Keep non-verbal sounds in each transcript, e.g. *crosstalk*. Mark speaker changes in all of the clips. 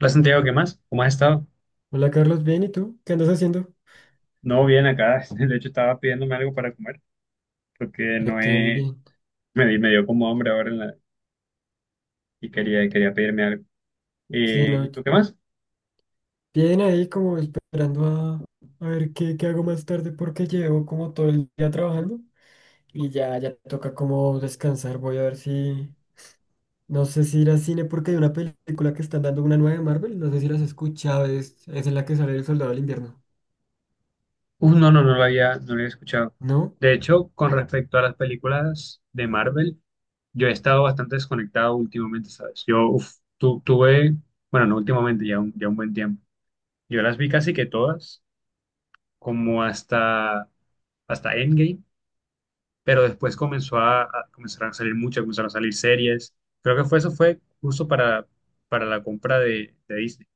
Speaker 1: Hola Santiago, ¿qué más? ¿Cómo has estado?
Speaker 2: Hola Carlos, bien, ¿y tú? ¿Qué andas haciendo?
Speaker 1: No, bien acá. *laughs* De hecho, estaba pidiéndome algo para comer porque
Speaker 2: Yo
Speaker 1: no he...
Speaker 2: también.
Speaker 1: me dio como hambre ahora en la... y quería pedirme algo.
Speaker 2: Sí, no,
Speaker 1: ¿Y tú qué más?
Speaker 2: bien ahí como esperando a ver qué hago más tarde porque llevo como todo el día trabajando y ya, ya toca como descansar. Voy a ver si, no sé si ir al cine porque hay una película que están dando una nueva de Marvel, no sé si las has escuchado, es en la que sale el Soldado del Invierno,
Speaker 1: No lo había, escuchado.
Speaker 2: ¿no?
Speaker 1: De hecho, con respecto a las películas de Marvel, yo he estado bastante desconectado últimamente, ¿sabes? Yo tuve, bueno, no últimamente, ya un buen tiempo. Yo las vi casi que todas, como hasta, hasta Endgame, pero después comenzaron a salir mucho, comenzaron a salir series. Creo que fue eso fue justo para la compra de Disney.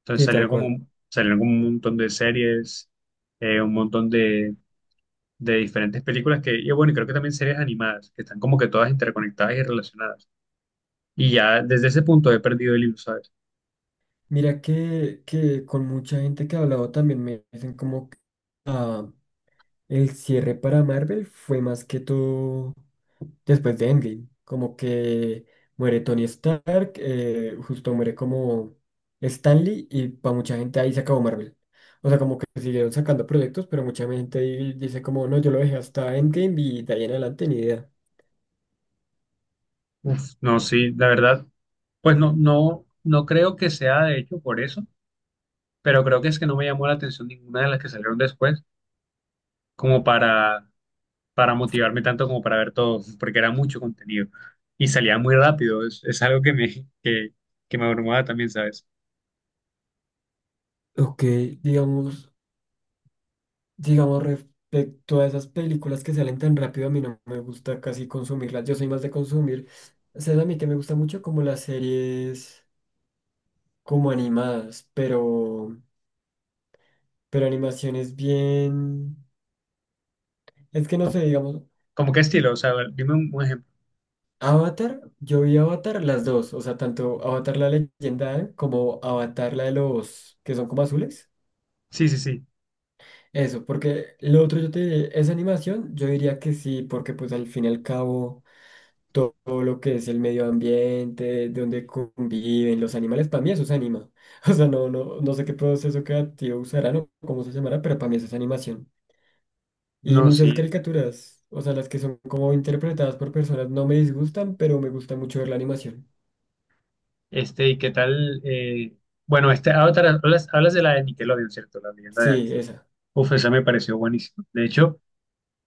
Speaker 1: Entonces
Speaker 2: Sí, tal cual.
Speaker 1: salieron como un montón de series, un montón de diferentes películas y bueno, y creo que también series animadas, que están como que todas interconectadas y relacionadas. Y ya desde ese punto he perdido el hilo, ¿sabes?
Speaker 2: Mira que con mucha gente que he hablado también me dicen como que ah, el cierre para Marvel fue más que todo después de Endgame. Como que muere Tony Stark, justo muere como Stanley y para mucha gente ahí se acabó Marvel. O sea, como que siguieron sacando proyectos, pero mucha gente ahí dice como, no, yo lo dejé hasta Endgame y de ahí en adelante ni idea.
Speaker 1: Uf, no, sí, la verdad, pues no creo que sea de hecho por eso, pero creo que es que no me llamó la atención ninguna de las que salieron después, como para motivarme tanto como para ver todo, porque era mucho contenido y salía muy rápido. Es algo que, que me abrumaba también, ¿sabes?
Speaker 2: Ok, digamos, digamos respecto a esas películas que salen tan rápido, a mí no me gusta casi consumirlas. Yo soy más de consumir. ¿Sabes a mí que me gusta mucho? Como las series. Como animadas, pero animaciones bien. Es que no
Speaker 1: ¿Cómo,
Speaker 2: sé, digamos,
Speaker 1: cómo qué estilo? O sea, a ver, dime un ejemplo.
Speaker 2: Avatar, yo vi Avatar las dos, o sea, tanto Avatar la leyenda como Avatar la de los que son como azules.
Speaker 1: Sí, sí, sí.
Speaker 2: Eso, porque lo otro yo te diré, esa animación, yo diría que sí, porque pues al fin y al cabo todo, lo que es el medio ambiente, donde conviven los animales, para mí eso se anima. *laughs* O sea, no, no, no sé qué proceso creativo usarán o cómo se llamará, pero para mí eso es animación. Y
Speaker 1: No,
Speaker 2: muchas
Speaker 1: sí.
Speaker 2: caricaturas, o sea, las que son como interpretadas por personas no me disgustan, pero me gusta mucho ver la animación.
Speaker 1: ¿Y qué tal? Hablas, hablas de la de Nickelodeon, ¿cierto? La leyenda de
Speaker 2: Sí,
Speaker 1: antes.
Speaker 2: esa.
Speaker 1: Uf, esa me pareció buenísima. De hecho,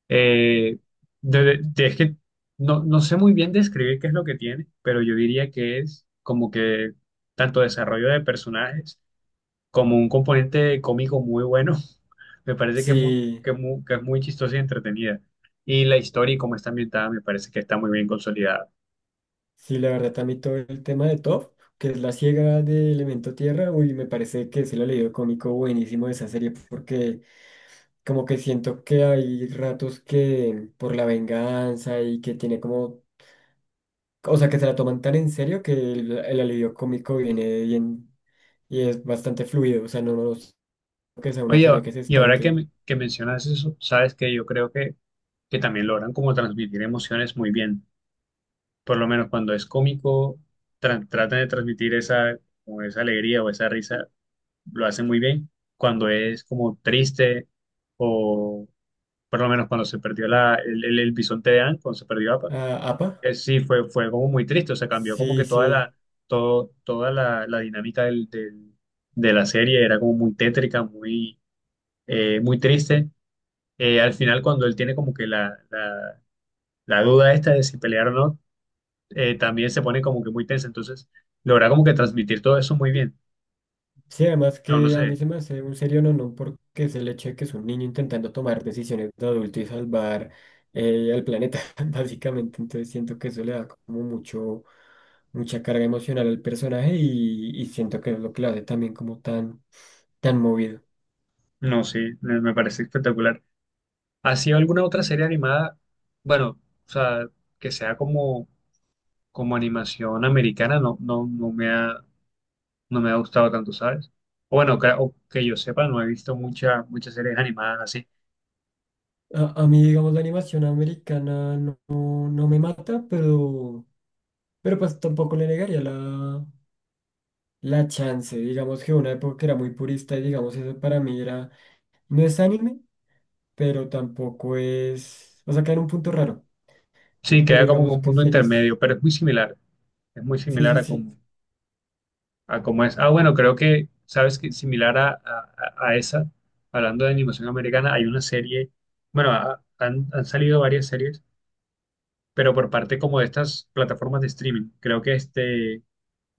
Speaker 1: eh, es que no, no sé muy bien describir qué es lo que tiene, pero yo diría que es como que tanto desarrollo de personajes, como un componente cómico muy bueno. *laughs* Me parece que es muy,
Speaker 2: Sí,
Speaker 1: que es muy chistosa y entretenida. Y la historia y cómo está ambientada me parece que está muy bien consolidada.
Speaker 2: sí, la verdad también todo el tema de Toph, que es la ciega de Elemento Tierra, uy, me parece que es el alivio cómico buenísimo de esa serie, porque como que siento que hay ratos que por la venganza y que tiene como, o sea, que se la toman tan en serio que el alivio cómico viene bien y es bastante fluido, o sea, no, no es que sea una
Speaker 1: Oye,
Speaker 2: serie que se
Speaker 1: y ahora que,
Speaker 2: estanque.
Speaker 1: que mencionas eso, sabes que yo creo que también logran como transmitir emociones muy bien. Por lo menos cuando es cómico, tratan de transmitir esa, como esa alegría o esa risa, lo hacen muy bien. Cuando es como triste o por lo menos cuando se perdió el bisonte de Anne, cuando se perdió Appa.
Speaker 2: Ah, ¿APA?
Speaker 1: Sí, fue como muy triste, o sea, cambió como
Speaker 2: Sí,
Speaker 1: que
Speaker 2: sí.
Speaker 1: todo, la dinámica de la serie era como muy tétrica, muy, muy triste. Al final, cuando él tiene como que la duda esta de si pelear o no, también se pone como que muy tensa, entonces logra como que transmitir todo eso muy bien.
Speaker 2: Sí, además
Speaker 1: No, no
Speaker 2: que
Speaker 1: sé,
Speaker 2: a mí se me hace un serio no porque es el hecho de que es un niño intentando tomar decisiones de adulto y salvar al planeta, *laughs* básicamente. Entonces siento que eso le da como mucha carga emocional al personaje y siento que es lo que lo hace también como tan, tan movido.
Speaker 1: no, sí, me parece espectacular. ¿Ha sido alguna otra serie animada? Bueno, o sea, que sea como, como animación americana, no me ha... no me ha gustado tanto, ¿sabes? O bueno, que, o que yo sepa, no he visto muchas series animadas así.
Speaker 2: A mí, digamos, la animación americana no, no me mata, pero pues tampoco le negaría la chance. Digamos que una época era muy purista y digamos eso para mí era. No es anime, pero tampoco es. O sea, queda en un punto raro.
Speaker 1: Sí,
Speaker 2: Pero
Speaker 1: queda como en
Speaker 2: digamos
Speaker 1: un
Speaker 2: que
Speaker 1: punto
Speaker 2: series.
Speaker 1: intermedio, pero es muy similar. Es muy
Speaker 2: Sí,
Speaker 1: similar
Speaker 2: sí, sí.
Speaker 1: a como es. Ah, bueno, creo que, ¿sabes? Que similar a esa, hablando de animación americana, hay una serie, bueno, han salido varias series, pero por parte como de estas plataformas de streaming. Creo que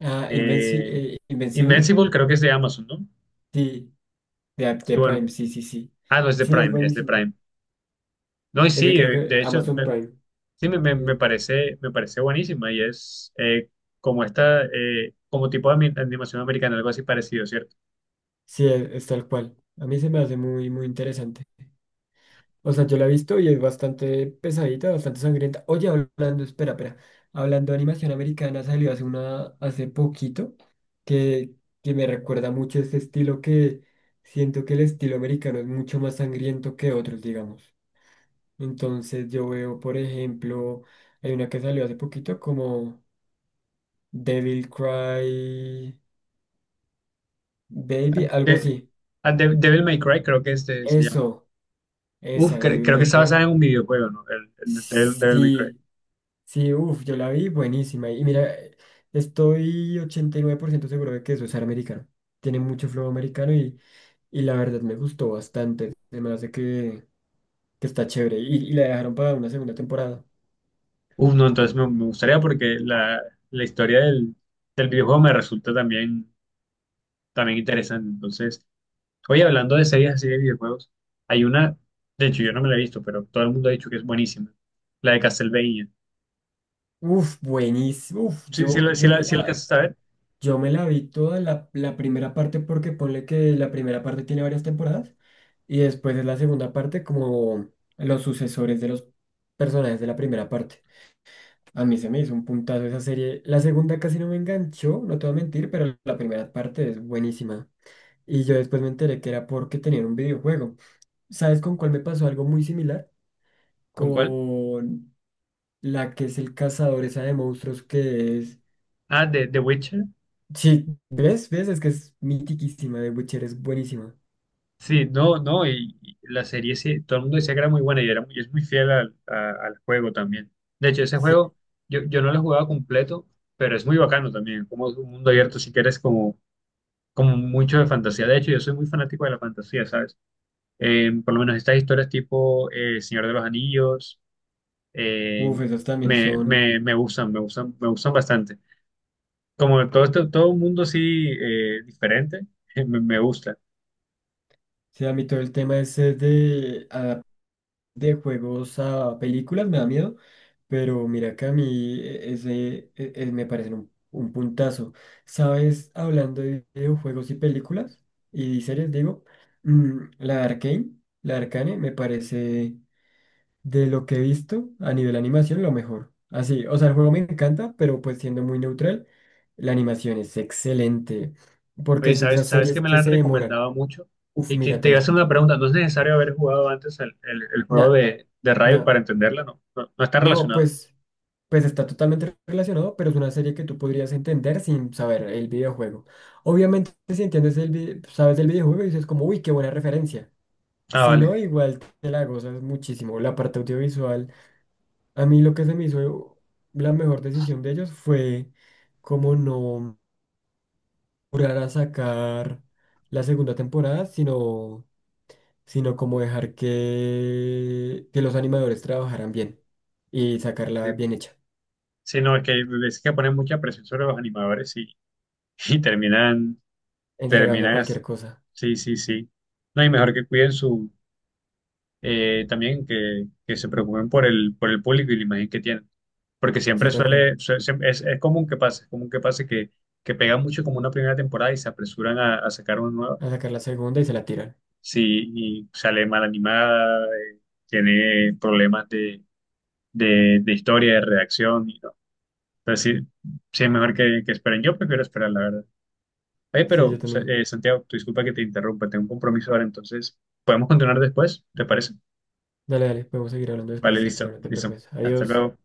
Speaker 2: Ah,
Speaker 1: eh,
Speaker 2: Invencible.
Speaker 1: Invincible creo que es de Amazon, ¿no?
Speaker 2: Sí, de
Speaker 1: Y bueno,
Speaker 2: Prime. Sí, sí, sí.
Speaker 1: ah, no, es de
Speaker 2: Sí, es
Speaker 1: Prime, es de
Speaker 2: buenísima.
Speaker 1: Prime. No, y
Speaker 2: Es que
Speaker 1: sí,
Speaker 2: creo que Amazon Prime.
Speaker 1: sí,
Speaker 2: Mm,
Speaker 1: me parece buenísima y es como esta, como tipo de animación americana, algo así parecido, ¿cierto?
Speaker 2: sí, es tal cual. A mí se me hace muy, muy interesante. O sea, yo la he visto y es bastante pesadita, bastante sangrienta. Oye, hablando, espera, espera. Hablando de animación americana, salió hace poquito, que, que me recuerda mucho ese estilo que siento que el estilo americano es mucho más sangriento que otros, digamos. Entonces yo veo, por ejemplo, hay una que salió hace poquito como Devil Cry Baby, algo
Speaker 1: De,
Speaker 2: así.
Speaker 1: Devil May Cry creo que este se llama.
Speaker 2: Eso,
Speaker 1: Uf,
Speaker 2: esa, Devil
Speaker 1: creo que
Speaker 2: May
Speaker 1: está basada
Speaker 2: Cry.
Speaker 1: en un videojuego, ¿no? El de Devil May Cry.
Speaker 2: Sí, sí, uff, yo la vi buenísima. Y mira, estoy 89% seguro de que eso es americano. Tiene mucho flow americano y la verdad me gustó bastante. Además de que está chévere. Y la dejaron para una segunda temporada.
Speaker 1: Uf, no, entonces me gustaría porque la historia del videojuego me resulta también, también interesante. Entonces, oye, hablando de series así de videojuegos, hay una, de hecho yo no me la he visto, pero todo el mundo ha dicho que es buenísima, la de Castlevania.
Speaker 2: Uff, buenísimo. Uf,
Speaker 1: Sí, sí,
Speaker 2: yo,
Speaker 1: sí,
Speaker 2: yo
Speaker 1: la,
Speaker 2: me
Speaker 1: sí
Speaker 2: la,
Speaker 1: alcanzaste a ver.
Speaker 2: yo me la vi toda la primera parte porque ponle que la primera parte tiene varias temporadas. Y después es la segunda parte como los sucesores de los personajes de la primera parte. A mí se me hizo un puntazo esa serie. La segunda casi no me enganchó, no te voy a mentir, pero la primera parte es buenísima. Y yo después me enteré que era porque tenían un videojuego. ¿Sabes con cuál me pasó algo muy similar?
Speaker 1: ¿Con cuál?
Speaker 2: Con la que es el cazador, esa de monstruos que es.
Speaker 1: Ah, de The Witcher.
Speaker 2: Sí, ¿ves? ¿Ves? Es que es mitiquísima, de Witcher es buenísima.
Speaker 1: Sí, no, no, y la serie sí, todo el mundo decía que era muy buena y, era, es muy fiel al, al juego también. De hecho, ese
Speaker 2: Sí.
Speaker 1: juego yo, yo no lo he jugado completo, pero es muy bacano también, como es un mundo abierto si quieres como, como mucho de fantasía. De hecho, yo soy muy fanático de la fantasía, ¿sabes? Por lo menos estas historias tipo Señor de los Anillos, eh,
Speaker 2: Uf, esas también
Speaker 1: me,
Speaker 2: son.
Speaker 1: me gustan, me gustan bastante. Como todo, todo un mundo así diferente, *laughs* me gusta.
Speaker 2: Sí, a mí todo el tema ese de juegos a películas me da miedo, pero mira que a mí ese me parece un puntazo. ¿Sabes? Hablando de videojuegos y películas y series, digo, mm, la Arcane me parece de lo que he visto a nivel animación lo mejor. Así, o sea, el juego me encanta, pero pues siendo muy neutral, la animación es excelente, porque
Speaker 1: Oye,
Speaker 2: es de esas
Speaker 1: ¿sabes, sabes que
Speaker 2: series
Speaker 1: me
Speaker 2: que
Speaker 1: la han
Speaker 2: se demoran.
Speaker 1: recomendado mucho?
Speaker 2: Uf,
Speaker 1: Y te voy a
Speaker 2: míratela.
Speaker 1: hacer una pregunta, ¿no es necesario haber jugado antes el, el juego
Speaker 2: Nah,
Speaker 1: de Riot
Speaker 2: nah,
Speaker 1: para entenderla? No, no, no está
Speaker 2: no,
Speaker 1: relacionado.
Speaker 2: pues. Pues está totalmente relacionado, pero es una serie que tú podrías entender sin saber el videojuego. Obviamente, si entiendes sabes el videojuego y dices como, uy, qué buena referencia.
Speaker 1: Ah,
Speaker 2: Si
Speaker 1: vale.
Speaker 2: no, igual te la gozas muchísimo. La parte audiovisual, a mí lo que se me hizo la mejor decisión de ellos fue como no jurar a sacar la segunda temporada, sino como dejar que los animadores trabajaran bien y sacarla
Speaker 1: Sí,
Speaker 2: bien hecha,
Speaker 1: sí, no, es que ponen mucha presión sobre los animadores y terminan,
Speaker 2: entregando
Speaker 1: terminan,
Speaker 2: cualquier
Speaker 1: as-
Speaker 2: cosa.
Speaker 1: sí, sí, sí. No, y mejor que cuiden su, también que se preocupen por el público y la imagen que tienen. Porque siempre
Speaker 2: Sí, tal cual.
Speaker 1: es común que pase, es común que pase que pegan mucho como una primera temporada y se apresuran a sacar una nueva.
Speaker 2: A sacar la segunda y se la tiran.
Speaker 1: Sí, y sale mal animada, tiene problemas de, de historia, de redacción, y no. Entonces, sí, sí es mejor que esperen. Yo prefiero esperar, la verdad. Oye,
Speaker 2: Sí, yo
Speaker 1: pero,
Speaker 2: también.
Speaker 1: Santiago, tú disculpa que te interrumpa, tengo un compromiso ahora, entonces, ¿podemos continuar después? ¿Te parece?
Speaker 2: Dale, dale, podemos seguir hablando
Speaker 1: Vale,
Speaker 2: después,
Speaker 1: listo,
Speaker 2: tranquilo, no te
Speaker 1: listo.
Speaker 2: preocupes.
Speaker 1: Hasta
Speaker 2: Adiós.
Speaker 1: luego.